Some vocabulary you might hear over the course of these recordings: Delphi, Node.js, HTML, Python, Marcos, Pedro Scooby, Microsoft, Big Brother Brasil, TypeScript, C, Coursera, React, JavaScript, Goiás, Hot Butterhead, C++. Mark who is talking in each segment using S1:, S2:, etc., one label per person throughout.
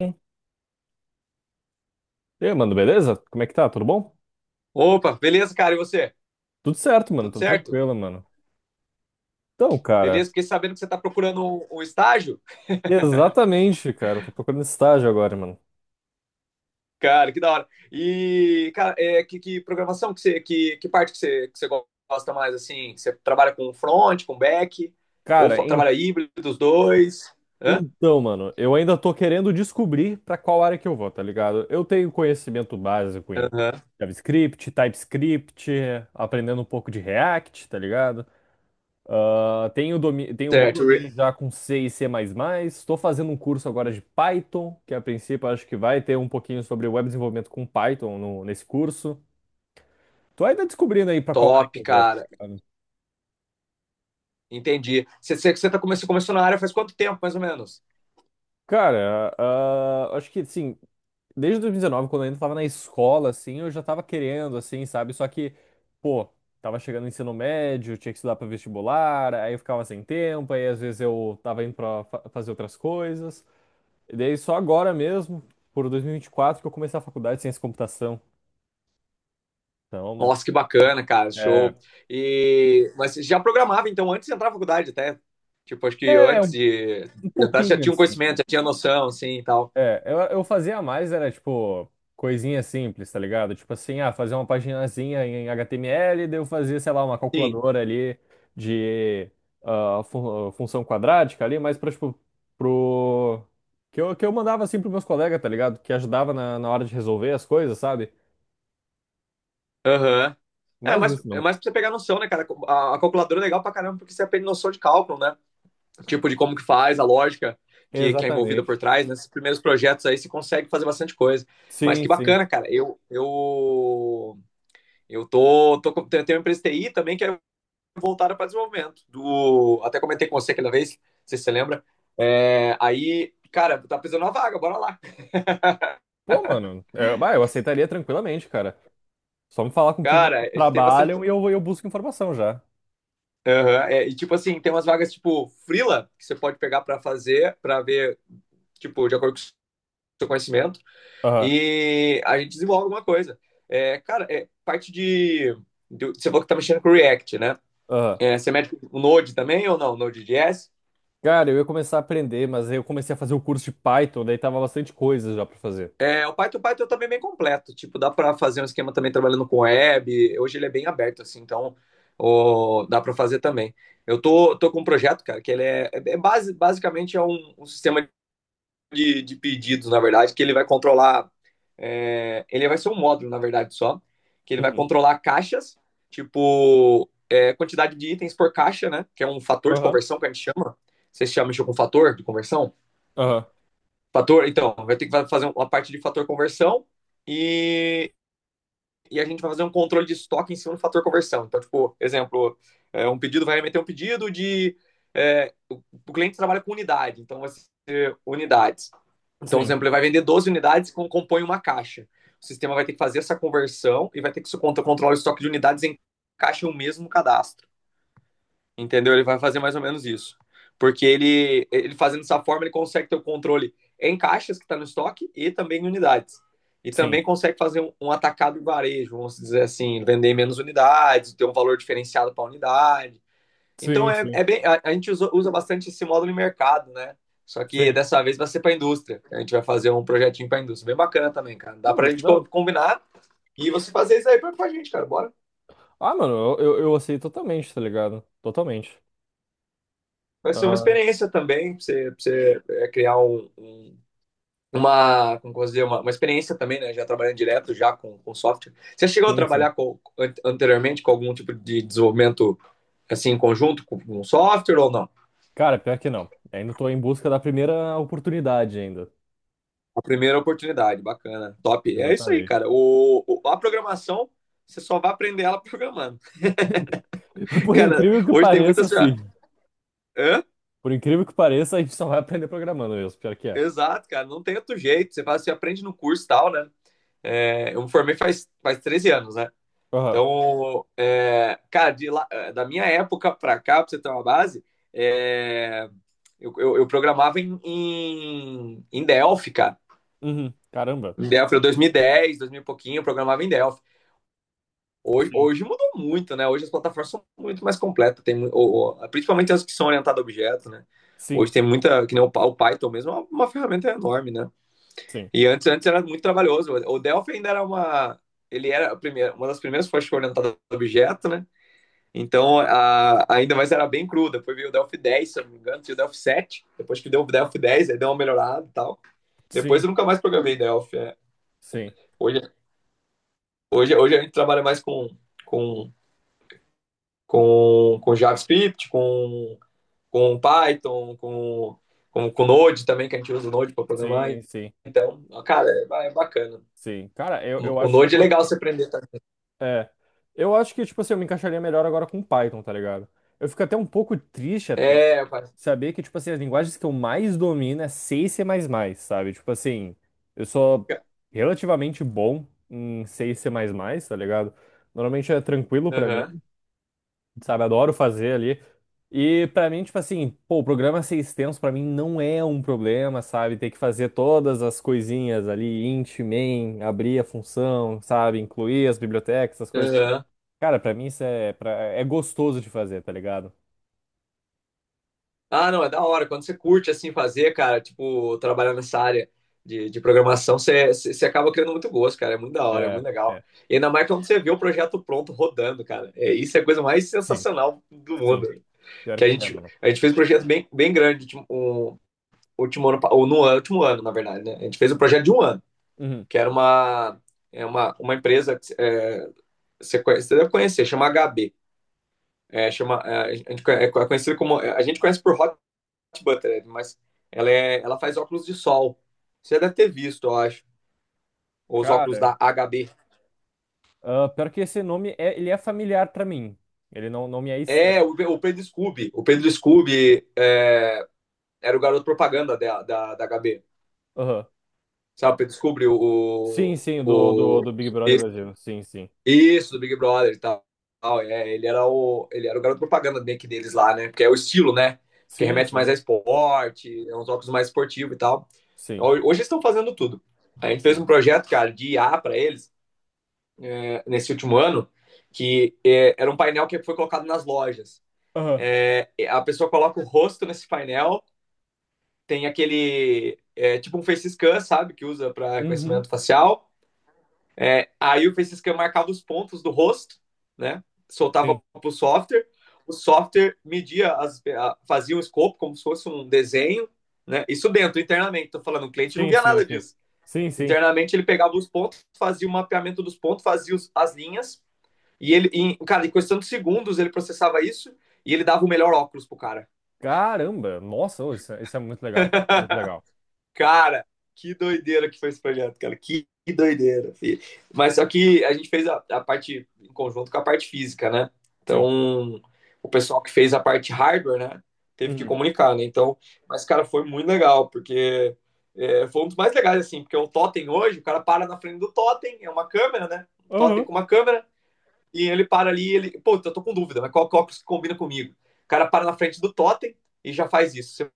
S1: Hum. E aí, mano, beleza? Como é que tá? Tudo bom?
S2: Opa, beleza, cara? E você?
S1: Tudo certo, mano.
S2: Tudo
S1: Tô
S2: certo?
S1: tranquilo, mano. Então, cara,
S2: Beleza? Fiquei sabendo que você está procurando um estágio.
S1: exatamente, cara. Tô procurando estágio agora, mano.
S2: Cara, que da hora. E, cara, é, que programação que você, que parte que você gosta mais, assim? Você trabalha com front, com back? Ou
S1: Cara, en-
S2: trabalha híbrido dos dois? Hã?
S1: então, mano, eu ainda tô querendo descobrir pra qual área que eu vou, tá ligado? Eu tenho conhecimento básico em
S2: Aham.
S1: JavaScript, TypeScript, aprendendo um pouco de React, tá ligado? Ah, tenho um bom
S2: Certo.
S1: domínio já com C e C++. Estou fazendo um curso agora de Python, que a princípio acho que vai ter um pouquinho sobre web desenvolvimento com Python nesse curso. Tô ainda descobrindo aí para qual área
S2: Top,
S1: que eu vou. Tá
S2: cara.
S1: ligado?
S2: Entendi. Você começou na área faz quanto tempo, mais ou menos?
S1: Cara, ah, acho que assim, desde 2019, quando eu ainda estava na escola, assim, eu já estava querendo, assim, sabe? Só que, pô, tava chegando no ensino médio, tinha que estudar para vestibular, aí eu ficava sem tempo, aí às vezes eu tava indo para fazer outras coisas. E daí só agora mesmo, por 2024, que eu comecei a faculdade de ciência da computação. Então,
S2: Nossa, que bacana, cara,
S1: é,
S2: show. E mas você já programava então antes de entrar na faculdade até? Tipo, acho que
S1: é
S2: antes
S1: um,
S2: de
S1: um
S2: de entrar você já
S1: pouquinho
S2: tinha um
S1: assim.
S2: conhecimento, já tinha noção, assim, e tal.
S1: É, eu fazia mais, era tipo coisinha simples, tá ligado? Tipo assim, ah, fazer uma paginazinha em HTML, daí eu fazia, sei lá, uma
S2: Sim.
S1: calculadora ali de ah, função quadrática ali, mas pra, tipo, pro. Que eu mandava assim pros meus colegas, tá ligado? Que ajudava na hora de resolver as coisas, sabe?
S2: Aham. É,
S1: Mas
S2: mas
S1: isso
S2: é
S1: não.
S2: mais pra você pegar noção, né, cara? A calculadora é legal pra caramba porque você aprende noção de cálculo, né? Tipo, de como que faz, a lógica que é envolvida por
S1: Exatamente.
S2: trás. Nesses primeiros projetos aí você consegue fazer bastante coisa. Mas
S1: Sim,
S2: que
S1: sim.
S2: bacana, cara. Eu tô, tô, com- tenho tenho uma empresa de TI também que é voltada para desenvolvimento. Do... Até comentei com você aquela vez, não sei se você lembra. É, aí, cara, tá precisando uma vaga, bora lá.
S1: Pô, mano, eu, bah, eu aceitaria tranquilamente, cara. Só me falar com quem
S2: Cara,
S1: vocês
S2: a gente tem bastante.
S1: trabalham
S2: Uhum,
S1: e eu busco informação já.
S2: é, e tipo assim, tem umas vagas tipo Frila, que você pode pegar para fazer, para ver, tipo, de acordo com o seu conhecimento.
S1: Aham,
S2: E a gente desenvolve alguma coisa. É, cara, é parte de, você falou que tá mexendo com o React, né?
S1: aham.
S2: É, você mexe com o Node também ou não? Node.js?
S1: Cara, eu ia começar a aprender, mas aí eu comecei a fazer o curso de Python, daí tava bastante coisa já pra fazer.
S2: É, o Python também é bem completo. Tipo, dá para fazer um esquema também trabalhando com web. Hoje ele é bem aberto, assim, então ó, dá para fazer também. Eu tô com um projeto, cara, que ele é, é base, basicamente é um sistema de pedidos, na verdade, que ele vai controlar. É, ele vai ser um módulo, na verdade, só, que ele vai
S1: Uhum.
S2: controlar caixas, tipo, é, quantidade de itens por caixa, né? Que é um fator de
S1: Aham,
S2: conversão que a gente chama. Vocês chamam isso com fator de conversão?
S1: aham.
S2: Fator, então, vai ter que fazer um, uma parte de fator conversão e, e a gente vai fazer um controle de estoque em cima do fator conversão. Então, tipo, exemplo, é, um pedido vai meter um pedido de. É, o cliente trabalha com unidade, então vai ser unidades. Então, por
S1: Sim,
S2: exemplo, ele vai vender 12 unidades que compõem uma caixa. O sistema vai ter que fazer essa conversão e vai ter que controlar o estoque de unidades em caixa o mesmo cadastro. Entendeu? Ele vai fazer mais ou menos isso. Porque ele fazendo dessa forma, ele consegue ter o controle em caixas que está no estoque e também em unidades. E
S1: sim,
S2: também consegue fazer um atacado em varejo, vamos dizer assim, vender menos unidades, ter um valor diferenciado para a unidade. Então
S1: sim,
S2: é,
S1: sim,
S2: é bem, a gente usa, usa bastante esse módulo de mercado, né? Só que
S1: sim.
S2: dessa vez vai ser para a indústria. A gente vai fazer um projetinho para a indústria. Bem bacana também, cara. Dá
S1: Pô,
S2: para a
S1: mas que
S2: gente
S1: da hora.
S2: combinar e você fazer isso aí para a gente, cara. Bora.
S1: Ah, mano, eu aceito totalmente, tá ligado? Totalmente.
S2: Vai ser uma
S1: Ah,
S2: experiência também, pra você é, criar uma, como posso dizer, uma experiência também, né? Já trabalhando direto já com software. Você chegou a
S1: sim, sim.
S2: trabalhar com, anteriormente com algum tipo de desenvolvimento assim em conjunto com, um software ou não?
S1: Cara, pior que não. Ainda tô em busca da primeira oportunidade ainda.
S2: A primeira oportunidade, bacana, top. É isso aí,
S1: Exatamente.
S2: cara. O, a programação, você só vai aprender ela programando.
S1: Por
S2: Cara,
S1: incrível que
S2: hoje tem
S1: pareça,
S2: muitas já.
S1: sim.
S2: Hã?
S1: Por incrível que pareça, a gente só vai aprender programando mesmo, pior que é.
S2: Exato, cara. Não tem outro jeito. Você faz, você aprende no curso e tal, né? É, eu me formei faz, faz 13 anos, né?
S1: Aham.
S2: Então, é, cara, de é, da minha época pra cá, pra você ter uma base, é, eu programava em, em, em Delphi, cara.
S1: Uhum. Caramba.
S2: Em Delphi, era 2010, 2000 e dez, dois mil e pouquinho, eu programava em Delphi. Hoje,
S1: Sim.
S2: hoje mudou muito, né? Hoje as plataformas são muito mais completas, tem, principalmente as que são orientadas a objeto, né?
S1: Sim.
S2: Hoje tem muita, que nem o, o Python mesmo, é uma ferramenta enorme, né?
S1: Sim.
S2: E antes, antes era muito trabalhoso. O Delphi ainda era uma, ele era a primeira, uma das primeiras fontes orientadas a objeto, né? Então, a, ainda mais era bem cru. Depois veio o Delphi 10, se eu não me engano, tinha o Delphi 7. Depois que deu o Delphi 10, aí deu uma melhorada e tal. Depois
S1: Sim.
S2: eu nunca mais programei Delphi. É.
S1: Sim.
S2: Hoje, hoje, hoje a gente trabalha mais com, com JavaScript, com Python, com Node também, que a gente usa o Node para programar.
S1: Sim, sim,
S2: Então, cara, é, é bacana.
S1: sim. Cara, eu
S2: O
S1: acho que eu
S2: Node é
S1: vou.
S2: legal você aprender também.
S1: É. Eu acho que, tipo assim, eu me encaixaria melhor agora com Python, tá ligado? Eu fico até um pouco triste
S2: Tá?
S1: até
S2: É, rapaz.
S1: saber que, tipo assim, as linguagens que eu mais domino é C e C++, sabe? Tipo assim, eu sou relativamente bom em C e C++, tá ligado? Normalmente é tranquilo pra mim.
S2: Aham,
S1: Sabe? Adoro fazer ali. E pra mim, tipo assim, pô, o programa ser extenso pra mim não é um problema, sabe? Ter que fazer todas as coisinhas ali, int, main, abrir a função, sabe? Incluir as bibliotecas, essas coisas. Cara, pra mim isso é, pra, é gostoso de fazer, tá ligado?
S2: ah, não, é da hora. Quando você curte assim fazer, cara, tipo, trabalhar nessa área de programação, você, você acaba criando muito gosto, cara. É muito da hora, é
S1: É,
S2: muito legal.
S1: é.
S2: E ainda mais quando você vê o projeto pronto rodando, cara. É, isso é a coisa mais
S1: Sim,
S2: sensacional do
S1: sim.
S2: mundo.
S1: Pior
S2: Que
S1: que é, mano.
S2: a gente fez um projeto bem, bem grande, tipo, um, último ano, pa- ou no ano- último ano, na verdade, né? A gente fez um projeto de um ano,
S1: Uhum.
S2: que era uma, é uma empresa que é, você, você deve conhecer, chama HB. É, chama, é, a gente é conhecido como. A gente conhece por Hot Butterhead, mas ela, é, ela faz óculos de sol. Você deve ter visto, eu acho. Os óculos
S1: Cara,
S2: da HB.
S1: ah, pior que esse nome, é, ele é familiar pra mim. Ele não, não me é estranho.
S2: É, o Pedro Scooby. O Pedro Scooby é, era o garoto propaganda da HB.
S1: Aham.
S2: Sabe, o Pedro Scooby,
S1: Sim,
S2: o,
S1: sim, do,
S2: o,
S1: do,
S2: o...
S1: do Big Brother Brasil. Sim, sim.
S2: Isso, do Big Brother e tal. É, ele era o garoto propaganda meio deles lá, né? Porque é o estilo, né? Porque
S1: Sim,
S2: remete mais
S1: sim.
S2: a esporte, é uns óculos mais esportivos e tal.
S1: Sim.
S2: Hoje eles estão fazendo tudo. A gente fez
S1: Sim.
S2: um projeto, cara, de I A para eles, é, nesse último ano, que é, era um painel que foi colocado nas lojas.
S1: Aham.
S2: É, é, a pessoa coloca o rosto nesse painel, tem aquele É, tipo um face scan, sabe, que usa para
S1: Uhum.
S2: reconhecimento facial. É, aí o face scan marcava os pontos do rosto, né? Soltava
S1: Sim.
S2: para o software. O software media, as, fazia um escopo como se fosse um desenho, né? Isso dentro, internamente. Tô falando, o cliente não
S1: Sim,
S2: via
S1: sim,
S2: nada
S1: sim.
S2: disso.
S1: Sim, sim.
S2: Internamente ele pegava os pontos, fazia o mapeamento dos pontos, fazia os, as linhas e ele, em, cara, em questão de segundos ele processava isso e ele dava o melhor óculos pro cara.
S1: Caramba, nossa, ô, isso é muito legal. Muito legal.
S2: Cara, que doideira que foi esse projeto, cara. Que doideira, filho. Mas só que a gente fez a parte em conjunto com a parte física, né?
S1: Sim.
S2: Então, o pessoal que fez a parte hardware, né? Teve que
S1: Uhum.
S2: comunicar, né? Então, mas, cara, foi muito legal, porque é, foi um dos mais legais, assim, porque o totem hoje, o cara para na frente do totem, é uma câmera, né? Um totem
S1: Aham.
S2: com uma câmera, e ele para ali, ele, pô, eu tô com dúvida, mas qual óculos que combina comigo? O cara para na frente do totem e já faz isso. Você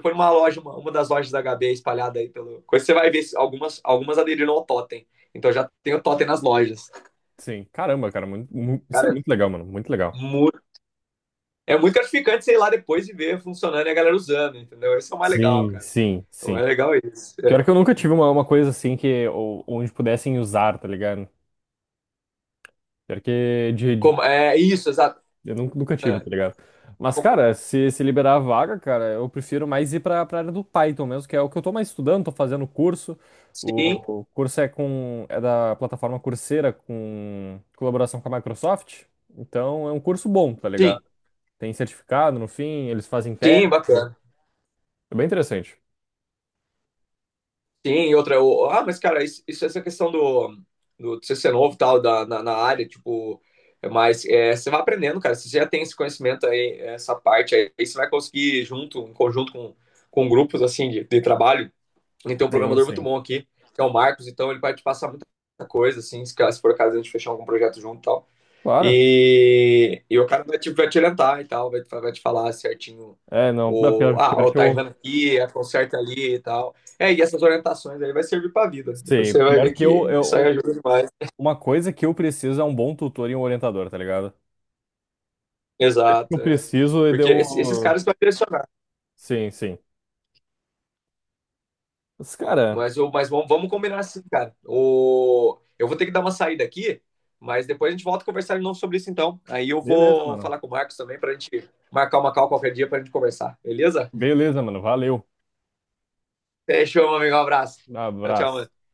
S2: foi numa loja, uma das lojas da HB espalhada aí pelo. Você vai ver algumas, algumas aderiram ao totem. Então já tem o totem nas lojas.
S1: Sim. Caramba, cara, isso é
S2: Cara,
S1: muito legal, mano. Muito legal.
S2: muito, é muito gratificante você ir lá depois e ver funcionando e a galera usando, entendeu? Isso é o mais legal,
S1: Sim,
S2: cara.
S1: sim,
S2: É o
S1: sim.
S2: mais legal isso.
S1: Pior que eu nunca tive uma coisa assim que onde pudessem usar, tá ligado? Pior que de,
S2: Como, é isso, exato.
S1: eu nunca, nunca tive,
S2: É.
S1: tá ligado? Mas, cara, se liberar a vaga, cara, eu prefiro mais ir pra área do Python mesmo, que é o que eu tô mais estudando, tô fazendo curso. O
S2: Sim,
S1: o curso é com, é da plataforma Coursera, com colaboração com a Microsoft. Então, é um curso bom, tá ligado?
S2: sim,
S1: Tem certificado no fim, eles fazem teste.
S2: sim, bacana.
S1: É bem interessante.
S2: Sim, e outra, ah, mas cara, isso, essa questão do, do você ser novo e tal, da, na, na área, tipo, é mais, é, você vai aprendendo, cara, se você já tem esse conhecimento aí, essa parte aí, aí você vai conseguir junto, em conjunto com grupos, assim, de trabalho, e tem um
S1: Sim,
S2: programador muito
S1: sim.
S2: bom aqui, que é o Marcos, então ele vai te passar muita coisa, assim, se, se for caso a gente fechar algum projeto junto e tal.
S1: Claro.
S2: E o cara vai, tipo, vai te orientar e tal, vai, vai te falar certinho
S1: É, não, é
S2: o,
S1: pior,
S2: ah,
S1: pior
S2: o
S1: que
S2: tá
S1: eu.
S2: errando aqui, a conserta ali e tal. É, e essas orientações aí vai servir pra vida. Depois
S1: Sim,
S2: você vai
S1: pior
S2: ver
S1: que eu,
S2: que
S1: eu.
S2: isso
S1: um-
S2: aí ajuda demais.
S1: Uma coisa que eu preciso é um bom tutor e um orientador, tá ligado?
S2: Exato,
S1: Eu
S2: é.
S1: preciso e
S2: Porque esses
S1: deu.
S2: caras vão direcionar.
S1: Sim, sim. Mas, cara,
S2: Mas, eu, mas vamos, vamos combinar assim, cara. O, eu vou ter que dar uma saída aqui, mas depois a gente volta a conversar de novo sobre isso então. Aí eu
S1: beleza,
S2: vou
S1: mano.
S2: falar com o Marcos também pra gente marcar uma call qualquer dia pra gente conversar, beleza?
S1: Beleza, mano. Valeu.
S2: Fechou, meu amigo. Um abraço. Tchau, tchau,
S1: Abraço.
S2: mano.